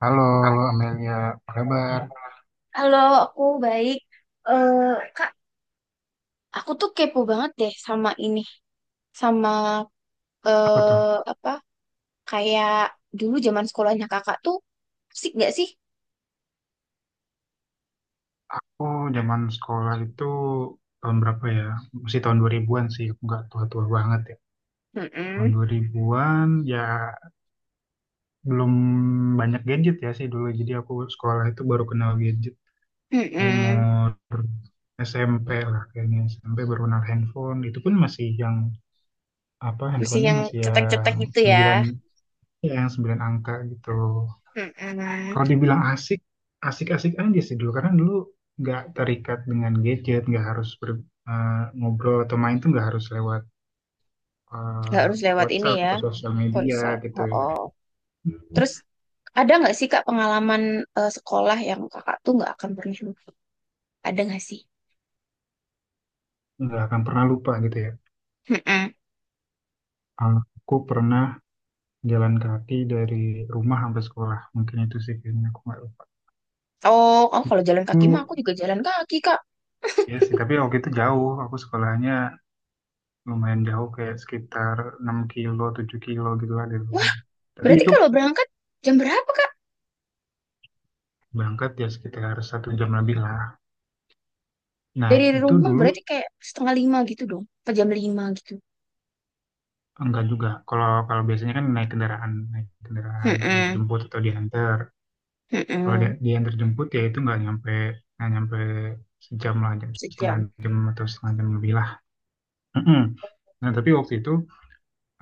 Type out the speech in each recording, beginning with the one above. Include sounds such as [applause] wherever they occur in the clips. Halo Kang, Amelia, apa kabar? halo, aku baik. Eh, Kak, aku tuh kepo banget deh sama ini, sama Apa tuh? eh apa kayak dulu zaman sekolahnya kakak tuh asik gak sih? Aku zaman sekolah itu tahun berapa ya? Masih tahun 2000-an sih, aku nggak tua-tua banget ya. Tahun Mm-mm, 2000-an ya belum banyak gadget ya sih dulu. Jadi aku sekolah itu baru kenal gadget mm-mm. umur SMP lah kayaknya. SMP baru kenal handphone. Itu pun masih yang apa Masih handphonenya yang masih cetek-cetek yang gitu ya. 9, ya yang 9 angka gitu. Mm-mm. Kalau dibilang asik, asik-asik aja sih dulu. Karena dulu nggak terikat dengan gadget, nggak harus ngobrol atau main tuh nggak harus lewat Nggak eh, harus lewat ini WhatsApp ya, atau sosial ponsel. media gitu, Oh, ya. oh. Terus ada nggak sih Kak pengalaman sekolah yang kakak tuh nggak akan pernah lupa? Ada nggak sih? Nggak akan pernah lupa gitu ya. Mm-mm. Aku pernah jalan kaki dari rumah sampai sekolah. Mungkin itu sih kayaknya aku nggak lupa. Oh, oh kalau jalan Itu kaki mah aku juga jalan kaki, Kak. ya sih, tapi waktu itu jauh. Aku sekolahnya lumayan jauh, kayak sekitar 6 kilo, 7 kilo gitu lah dari Wah, rumah. Tapi berarti itu kalau berangkat jam berapa, Kak? berangkat ya sekitar satu jam lebih lah. Nah Dari itu rumah dulu berarti kayak setengah lima gitu dong. Apa jam lima gitu. enggak juga. Kalau kalau biasanya kan naik kendaraan Mm-mm, dijemput atau diantar. Kalau dia, mm-mm. diantar jemput ya itu nggak nyampe sejam lah, jam setengah Sejam. jam atau setengah jam lebih lah. Mm-mm. Nah tapi waktu itu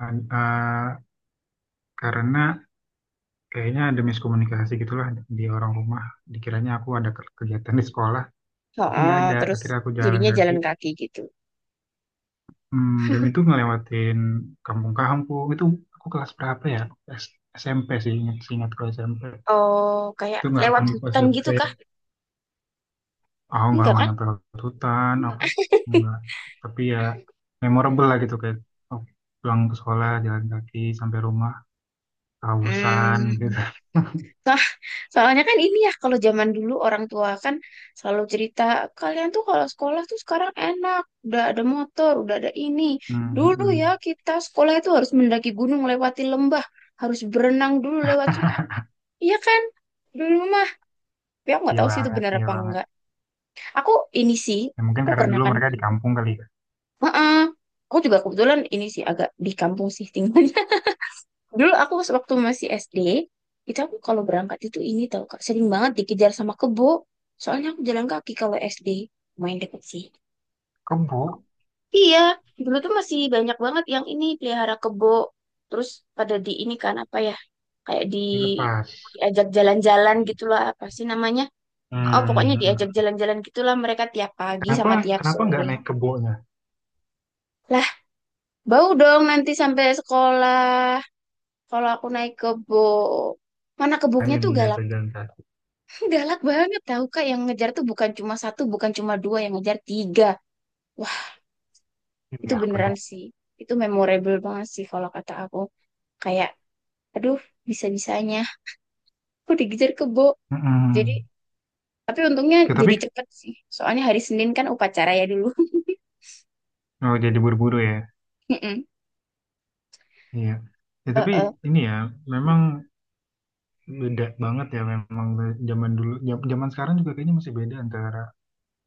eh, eh, karena kayaknya ada miskomunikasi gitulah di orang rumah. Dikiranya aku ada kegiatan di sekolah, tapi nggak Oh, ada. terus Akhirnya aku jalan jadinya kaki. jalan kaki gitu. Hmm, dan itu ngelewatin kampung-kampung itu. Aku kelas berapa ya? S- SMP sih, ingat ingat ke SMP. Oh, kayak Itu nggak lewat akan lupa sih, hutan aku gitu, kayak Kak? aku nggak Enggak nggak kan? nyampe lewat hutan apa nggak, tapi ya memorable lah gitu kayak oh, pulang ke sekolah jalan kaki sampai rumah kehausan Hmm. gitu. [laughs] Nah, soalnya kan ini ya, kalau zaman dulu orang tua kan selalu cerita, kalian tuh kalau sekolah tuh sekarang enak, udah ada motor, udah ada ini. Hmm, hmm, Dulu hmm. ya kita sekolah itu harus mendaki gunung, lewati lembah, harus berenang dulu lewat sungai. [laughs] Iya kan? Dulu mah, tapi aku nggak Iya tahu sih itu banget, benar iya apa banget, enggak. Aku ini sih, ya, mungkin aku karena pernah dulu kan. mereka di kampung kali ya. Heeh. Aku juga kebetulan ini sih agak di kampung sih tinggal. Dulu aku pas waktu masih SD, itu aku kalau berangkat itu ini tau Kak, sering banget dikejar sama kebo. Soalnya aku jalan kaki kalau SD, main deket sih. Kebo Iya, dulu tuh masih banyak banget yang ini pelihara kebo. Terus pada di ini kan apa ya, kayak dilepas. diajak jalan-jalan gitulah apa sih namanya? Oh, Hmm, pokoknya hmm, diajak hmm. jalan-jalan gitulah mereka tiap pagi kenapa sama tiap kenapa nggak sore. naik kebonya, Lah, bau dong nanti sampai sekolah kalau aku naik kebo. Mana kebunnya lain tuh galak, daripada jalan kaki? galak banget tahu Kak, yang ngejar tuh bukan cuma satu, bukan cuma dua, yang ngejar tiga. Wah, Ini itu apa beneran dong? sih. Itu memorable banget sih kalau kata aku. Kayak aduh, bisa-bisanya aku dikejar kebo. Jadi Mm-mm. tapi untungnya Oke, jadi tapi cepet sih. Soalnya hari Senin kan upacara ya dulu. [laughs] oh, jadi buru-buru ya. Mm-mm. Iya. Ya, tapi Uh-uh. ini ya memang beda banget ya, memang zaman dulu zaman sekarang juga kayaknya masih beda antara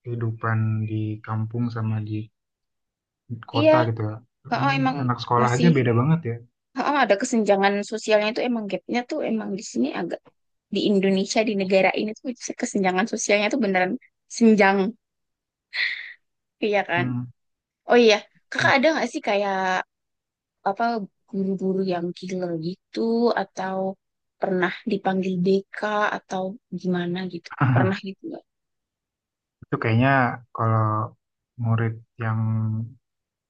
kehidupan di kampung sama di Iya, kota gitu ya. oh Ini emang anak sekolah aja masih beda banget ya. oh, ada kesenjangan sosialnya tuh, emang gapnya tuh emang di sini agak, di Indonesia di negara ini tuh kesenjangan sosialnya tuh beneran senjang, iya kan? Hmm. Oh iya, kakak Ya, ada nggak sih kayak apa guru-guru yang killer gitu atau pernah dipanggil BK atau gimana gitu? Pernah gitu nggak? itu kayaknya kalau murid yang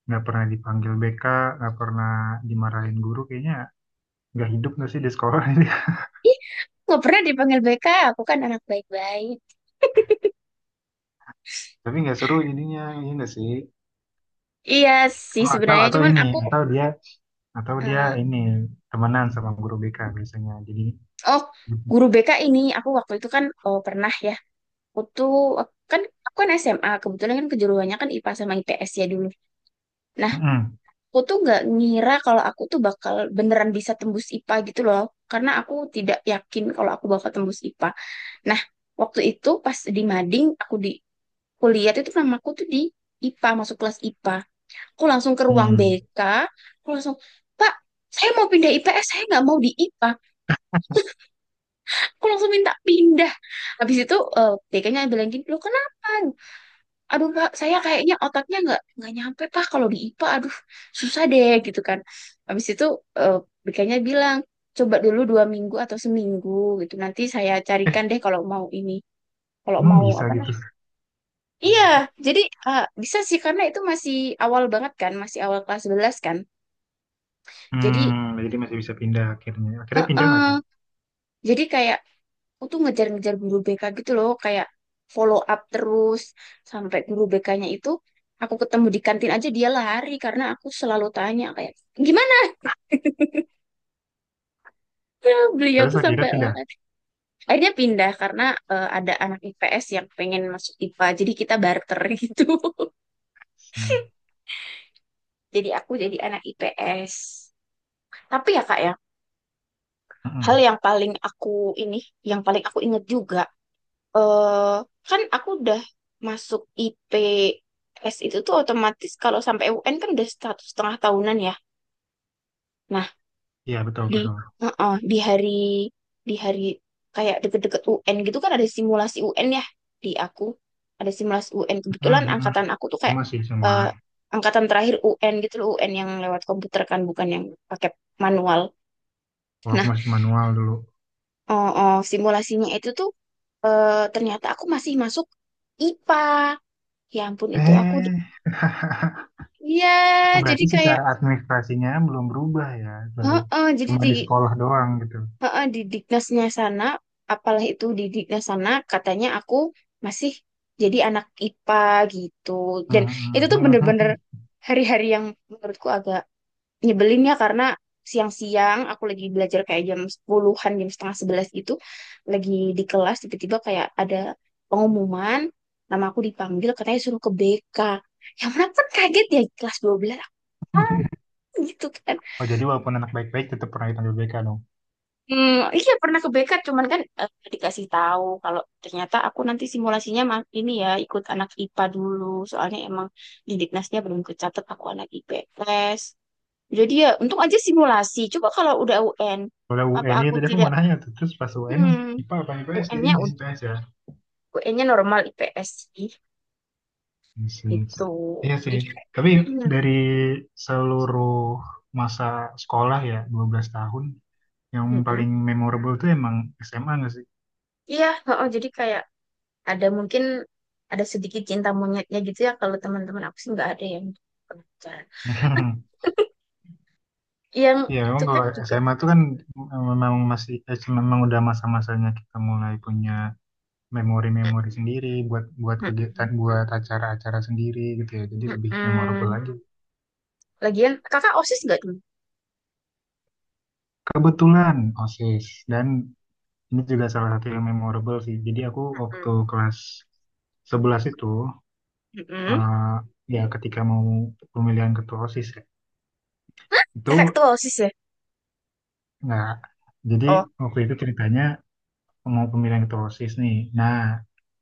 nggak pernah dipanggil BK, nggak pernah dimarahin guru, kayaknya nggak hidup nggak sih di sekolah [laughs] ini. Ih, nggak pernah dipanggil BK. Aku kan anak baik-baik. Tapi nggak seru jadinya, iya nggak sih? Iya sih Oh, atau sebenarnya, atau cuman ini aku atau dia eh, ini temenan sama guru BK biasanya jadi oh, guru BK ini aku waktu itu kan, oh, pernah ya. Aku tuh kan, aku kan SMA kebetulan kan kejuruannya kan IPA sama IPS ya dulu. mm-mm. Aku tuh nggak ngira kalau aku tuh bakal beneran bisa tembus IPA gitu loh, karena aku tidak yakin kalau aku bakal tembus IPA. Nah, waktu itu pas di mading, aku di kuliah itu namaku tuh di IPA, masuk kelas IPA, aku langsung ke ruang Hmm. BK. Aku langsung, "Pak, saya mau pindah IPS, saya nggak mau di IPA." Aku langsung minta pindah. Habis itu BK-nya bilang, "Gini loh kenapa? Aduh Pak, saya kayaknya otaknya nggak nyampe Pak kalau di IPA, aduh susah deh," gitu kan. Habis itu eh, BK-nya bilang, "Coba dulu dua minggu atau seminggu gitu, nanti saya eh carikan deh kalau mau ini, kalau Emang mau bisa apa gitu? namanya." Iya, jadi bisa sih karena itu masih awal banget kan, masih awal kelas 11 kan. Jadi Hmm, jadi masih bisa pindah, akhirnya akhirnya pindah heeh, nggak tuh? jadi kayak aku tuh ngejar-ngejar guru BK gitu loh, kayak follow up terus sampai guru BK-nya itu aku ketemu di kantin aja dia lari, karena aku selalu tanya kayak, "Gimana [laughs] ya?" Beliau Terus tuh akhirnya sampai pindah. lari. Akhirnya pindah karena ada anak IPS yang pengen masuk IPA, jadi kita barter [laughs] gitu. Hmm. Jadi aku jadi anak IPS. Tapi ya Kak ya, hal Mm-mm. yang paling aku ini, yang paling aku inget juga eh kan aku udah masuk IPS, itu tuh otomatis kalau sampai UN kan udah satu setengah tahunan ya. Nah, Iya, betul di betul heeh, di hari kayak deket-deket UN gitu kan ada simulasi UN ya di aku. Ada simulasi UN. Mm-mm, Kebetulan mm-mm. angkatan aku tuh Aku kayak, masih cuma eh, angkatan terakhir UN gitu loh, UN yang lewat komputer kan, bukan yang pakai manual. oh, aku Nah, masih manual dulu. Simulasinya itu tuh ternyata aku masih masuk IPA. Ya ampun itu aku. eh Iya, [laughs] oh, jadi berarti kayak secara administrasinya belum berubah ya, baru heeh, jadi cuma di sekolah doang gitu. heeh, di Diknasnya sana, apalah itu di Diknas sana katanya aku masih jadi anak IPA gitu. Dan itu tuh bener-bener Mm-mm. [laughs] hari-hari yang menurutku agak nyebelin ya, karena siang-siang aku lagi belajar kayak jam 10, jam setengah 11 gitu, lagi di kelas tiba-tiba kayak ada pengumuman nama aku dipanggil katanya suruh ke BK. Yang mana kan kaget ya, kelas 12 aku gitu kan. Oh jadi walaupun anak baik-baik tetap pernah dipanggil BK dong. Hmm, iya pernah ke BK, cuman kan dikasih tahu kalau ternyata aku nanti simulasinya mah ini ya ikut anak IPA dulu, soalnya emang di Diknasnya belum kecatet aku anak IPS. Jadi ya untung aja simulasi. Coba kalau udah UN, Kalau apa UN aku itu tadi aku tidak mau nanya tuh, terus pas UN hmm, IPA apa IPS, jadi UN-nya IPS ya. UN-nya normal IPS sih Iya sih. itu. Iya sih. Jadi Tapi kayaknya, dari seluruh masa sekolah ya 12 tahun, yang mm-mm. paling memorable tuh emang SMA nggak sih? Iya, oh, jadi kayak ada mungkin ada sedikit cinta monyetnya gitu ya, kalau teman-teman aku sih nggak ada yang kebetulan. [laughs] Yang Iya, itu memang kalau kan. SMA tuh kan memang masih memang udah masa-masanya kita mulai punya memori-memori sendiri buat buat kegiatan Mm-mm. buat acara-acara sendiri gitu ya. Jadi lebih memorable Mm-mm. lagi. Lagian kakak OSIS nggak tuh? Kebetulan OSIS, dan ini juga salah satu yang memorable sih. Jadi aku Mm-mm. waktu kelas 11 itu Mm-mm. eh, ya ketika mau pemilihan ketua OSIS ya, Kakak itu ketua OSIS ya? nggak. Jadi Oh, waktu itu ceritanya mau pemilihan ketua OSIS nih. Nah,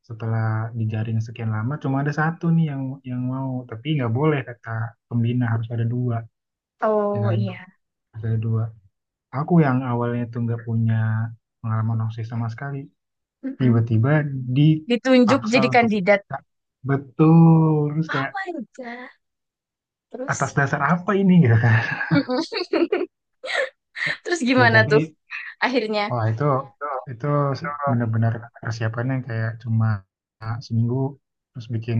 setelah dijaring sekian lama cuma ada satu nih yang mau, tapi nggak boleh kata pembina harus ada dua, ya oh kan? iya. Harus ada dua. Aku yang awalnya itu nggak punya pengalaman OSIS sama sekali Mm-mm. tiba-tiba Ditunjuk dipaksa jadi untuk kandidat. buka. Betul, terus Oh kayak my God. atas Terus, dasar apa ini [laughs] gitu kan. Mm-mm. [laughs] Terus Ya gimana tuh tapi akhirnya? wah itu benar-benar persiapan yang kayak cuma seminggu, terus bikin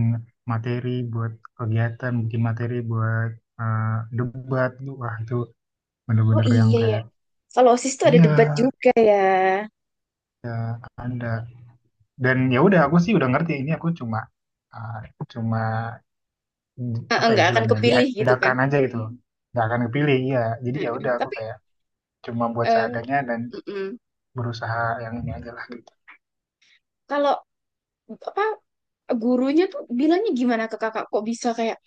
materi buat kegiatan, bikin materi buat eh, debat tuh, wah itu Oh benar-benar yang iya ya. kayak Kalau OSIS tuh ada debat iya juga ya. anda. Dan ya udah aku sih udah ngerti ini, aku cuma eh, cuma apa ya Nggak akan istilahnya kepilih gitu kan. diadakan aja gitu loh, nggak akan kepilih ya. Jadi ya udah Mm-mm. aku kayak cuma buat eh, seadanya dan mm-mm. berusaha yang ini aja lah gitu. Kalau apa gurunya tuh bilangnya gimana ke kakak? Kok bisa kayak,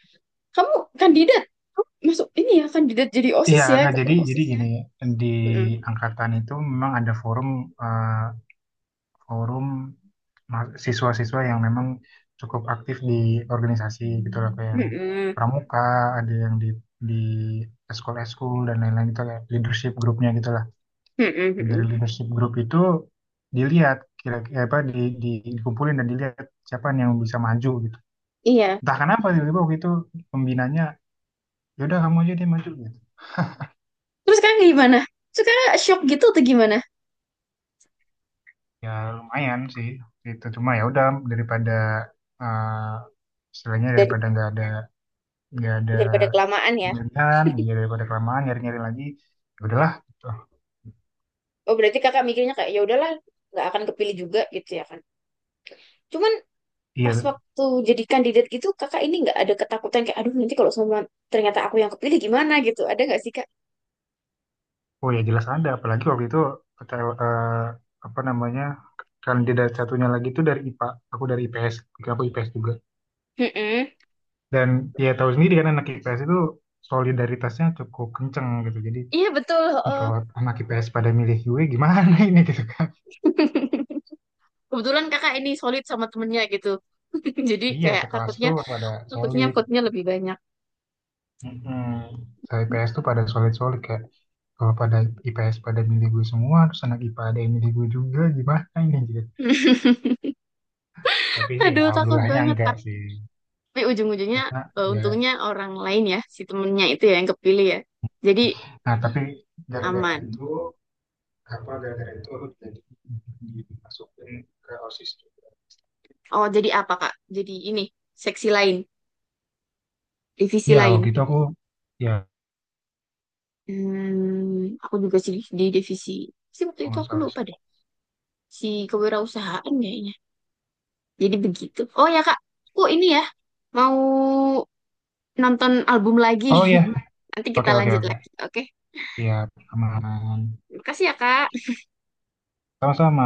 "Kamu kandidat, kamu masuk ini ya kandidat jadi Iya OSIS ya, nggak jadi ketua jadi OSIS." gini, di Mm-mm. angkatan itu memang ada forum, eh, forum siswa-siswa yang memang cukup aktif di organisasi gitu lah kayak yang Mm-mm. pramuka, ada yang di di eskul-eskul dan lain-lain gitu kayak leadership grupnya gitu lah. Mm-mm. Dan dari Mm-mm. leadership group itu dilihat, kira apa dikumpulin dan dilihat siapa yang bisa maju gitu. Iya. Entah kenapa tiba-tiba waktu itu pembinanya ya udah kamu aja, dia maju gitu. Terus sekarang gimana? Terus kakak shock gitu atau gimana? Ya lumayan sih, itu cuma ya udah daripada istilahnya Dari daripada nggak ada Daripada kelamaan ya. pemilihan, iya daripada kelamaan nyari-nyari lagi, ya udahlah, gitu. Oh berarti kakak mikirnya kayak ya udahlah nggak akan kepilih juga gitu ya kan. Cuman pas Iya. waktu jadi kandidat gitu kakak ini nggak ada ketakutan kayak aduh nanti kalau semua ternyata aku yang kepilih gimana gitu. Ada nggak sih kak? Oh ya jelas ada, apalagi waktu itu PTL, eh, apa namanya kandidat satunya lagi itu dari IPA, aku dari IPS, juga aku IPS juga. Mm-mm. Dan ya tahu sendiri kan anak IPS itu solidaritasnya cukup kenceng gitu. Jadi Iya betul. ini kalau Heeh. anak IPS pada milih gue gimana [laughs] ini gitu, kan. Kebetulan kakak ini solid sama temennya gitu. [laughs] Jadi Iya kayak sekelas takutnya tuh pada takutnya solid. takutnya lebih banyak. Mm-mm. Saya IPS tuh pada solid-solid kayak kalau pada IPS pada milih gue semua, terus anak IPA ada yang milih gue juga gimana ini gitu. [laughs] Tapi sih ya, Aduh, takut alhamdulillahnya banget. enggak Tapi sih ujung-ujungnya karena ya. untungnya orang lain ya, si temennya itu ya yang kepilih ya. Jadi Nah, tapi gara-gara aman. itu, apa gara-gara itu aku jadi dimasukin ke OSIS juga. Oh, jadi apa, Kak? Jadi ini, seksi lain, divisi Ya, waktu lain. itu aku, ya, Hmm, aku juga sih di divisi. Sih waktu kalau itu nggak aku salah. lupa deh. Si kewirausahaan kayaknya. Jadi begitu. Oh ya, Kak. Aku ini ya, mau nonton album lagi. Oh iya. [laughs] Nanti kita Oke, oke, lanjut oke. lagi, oke? Siap, aman. Makasih ya, Kak. Sama-sama.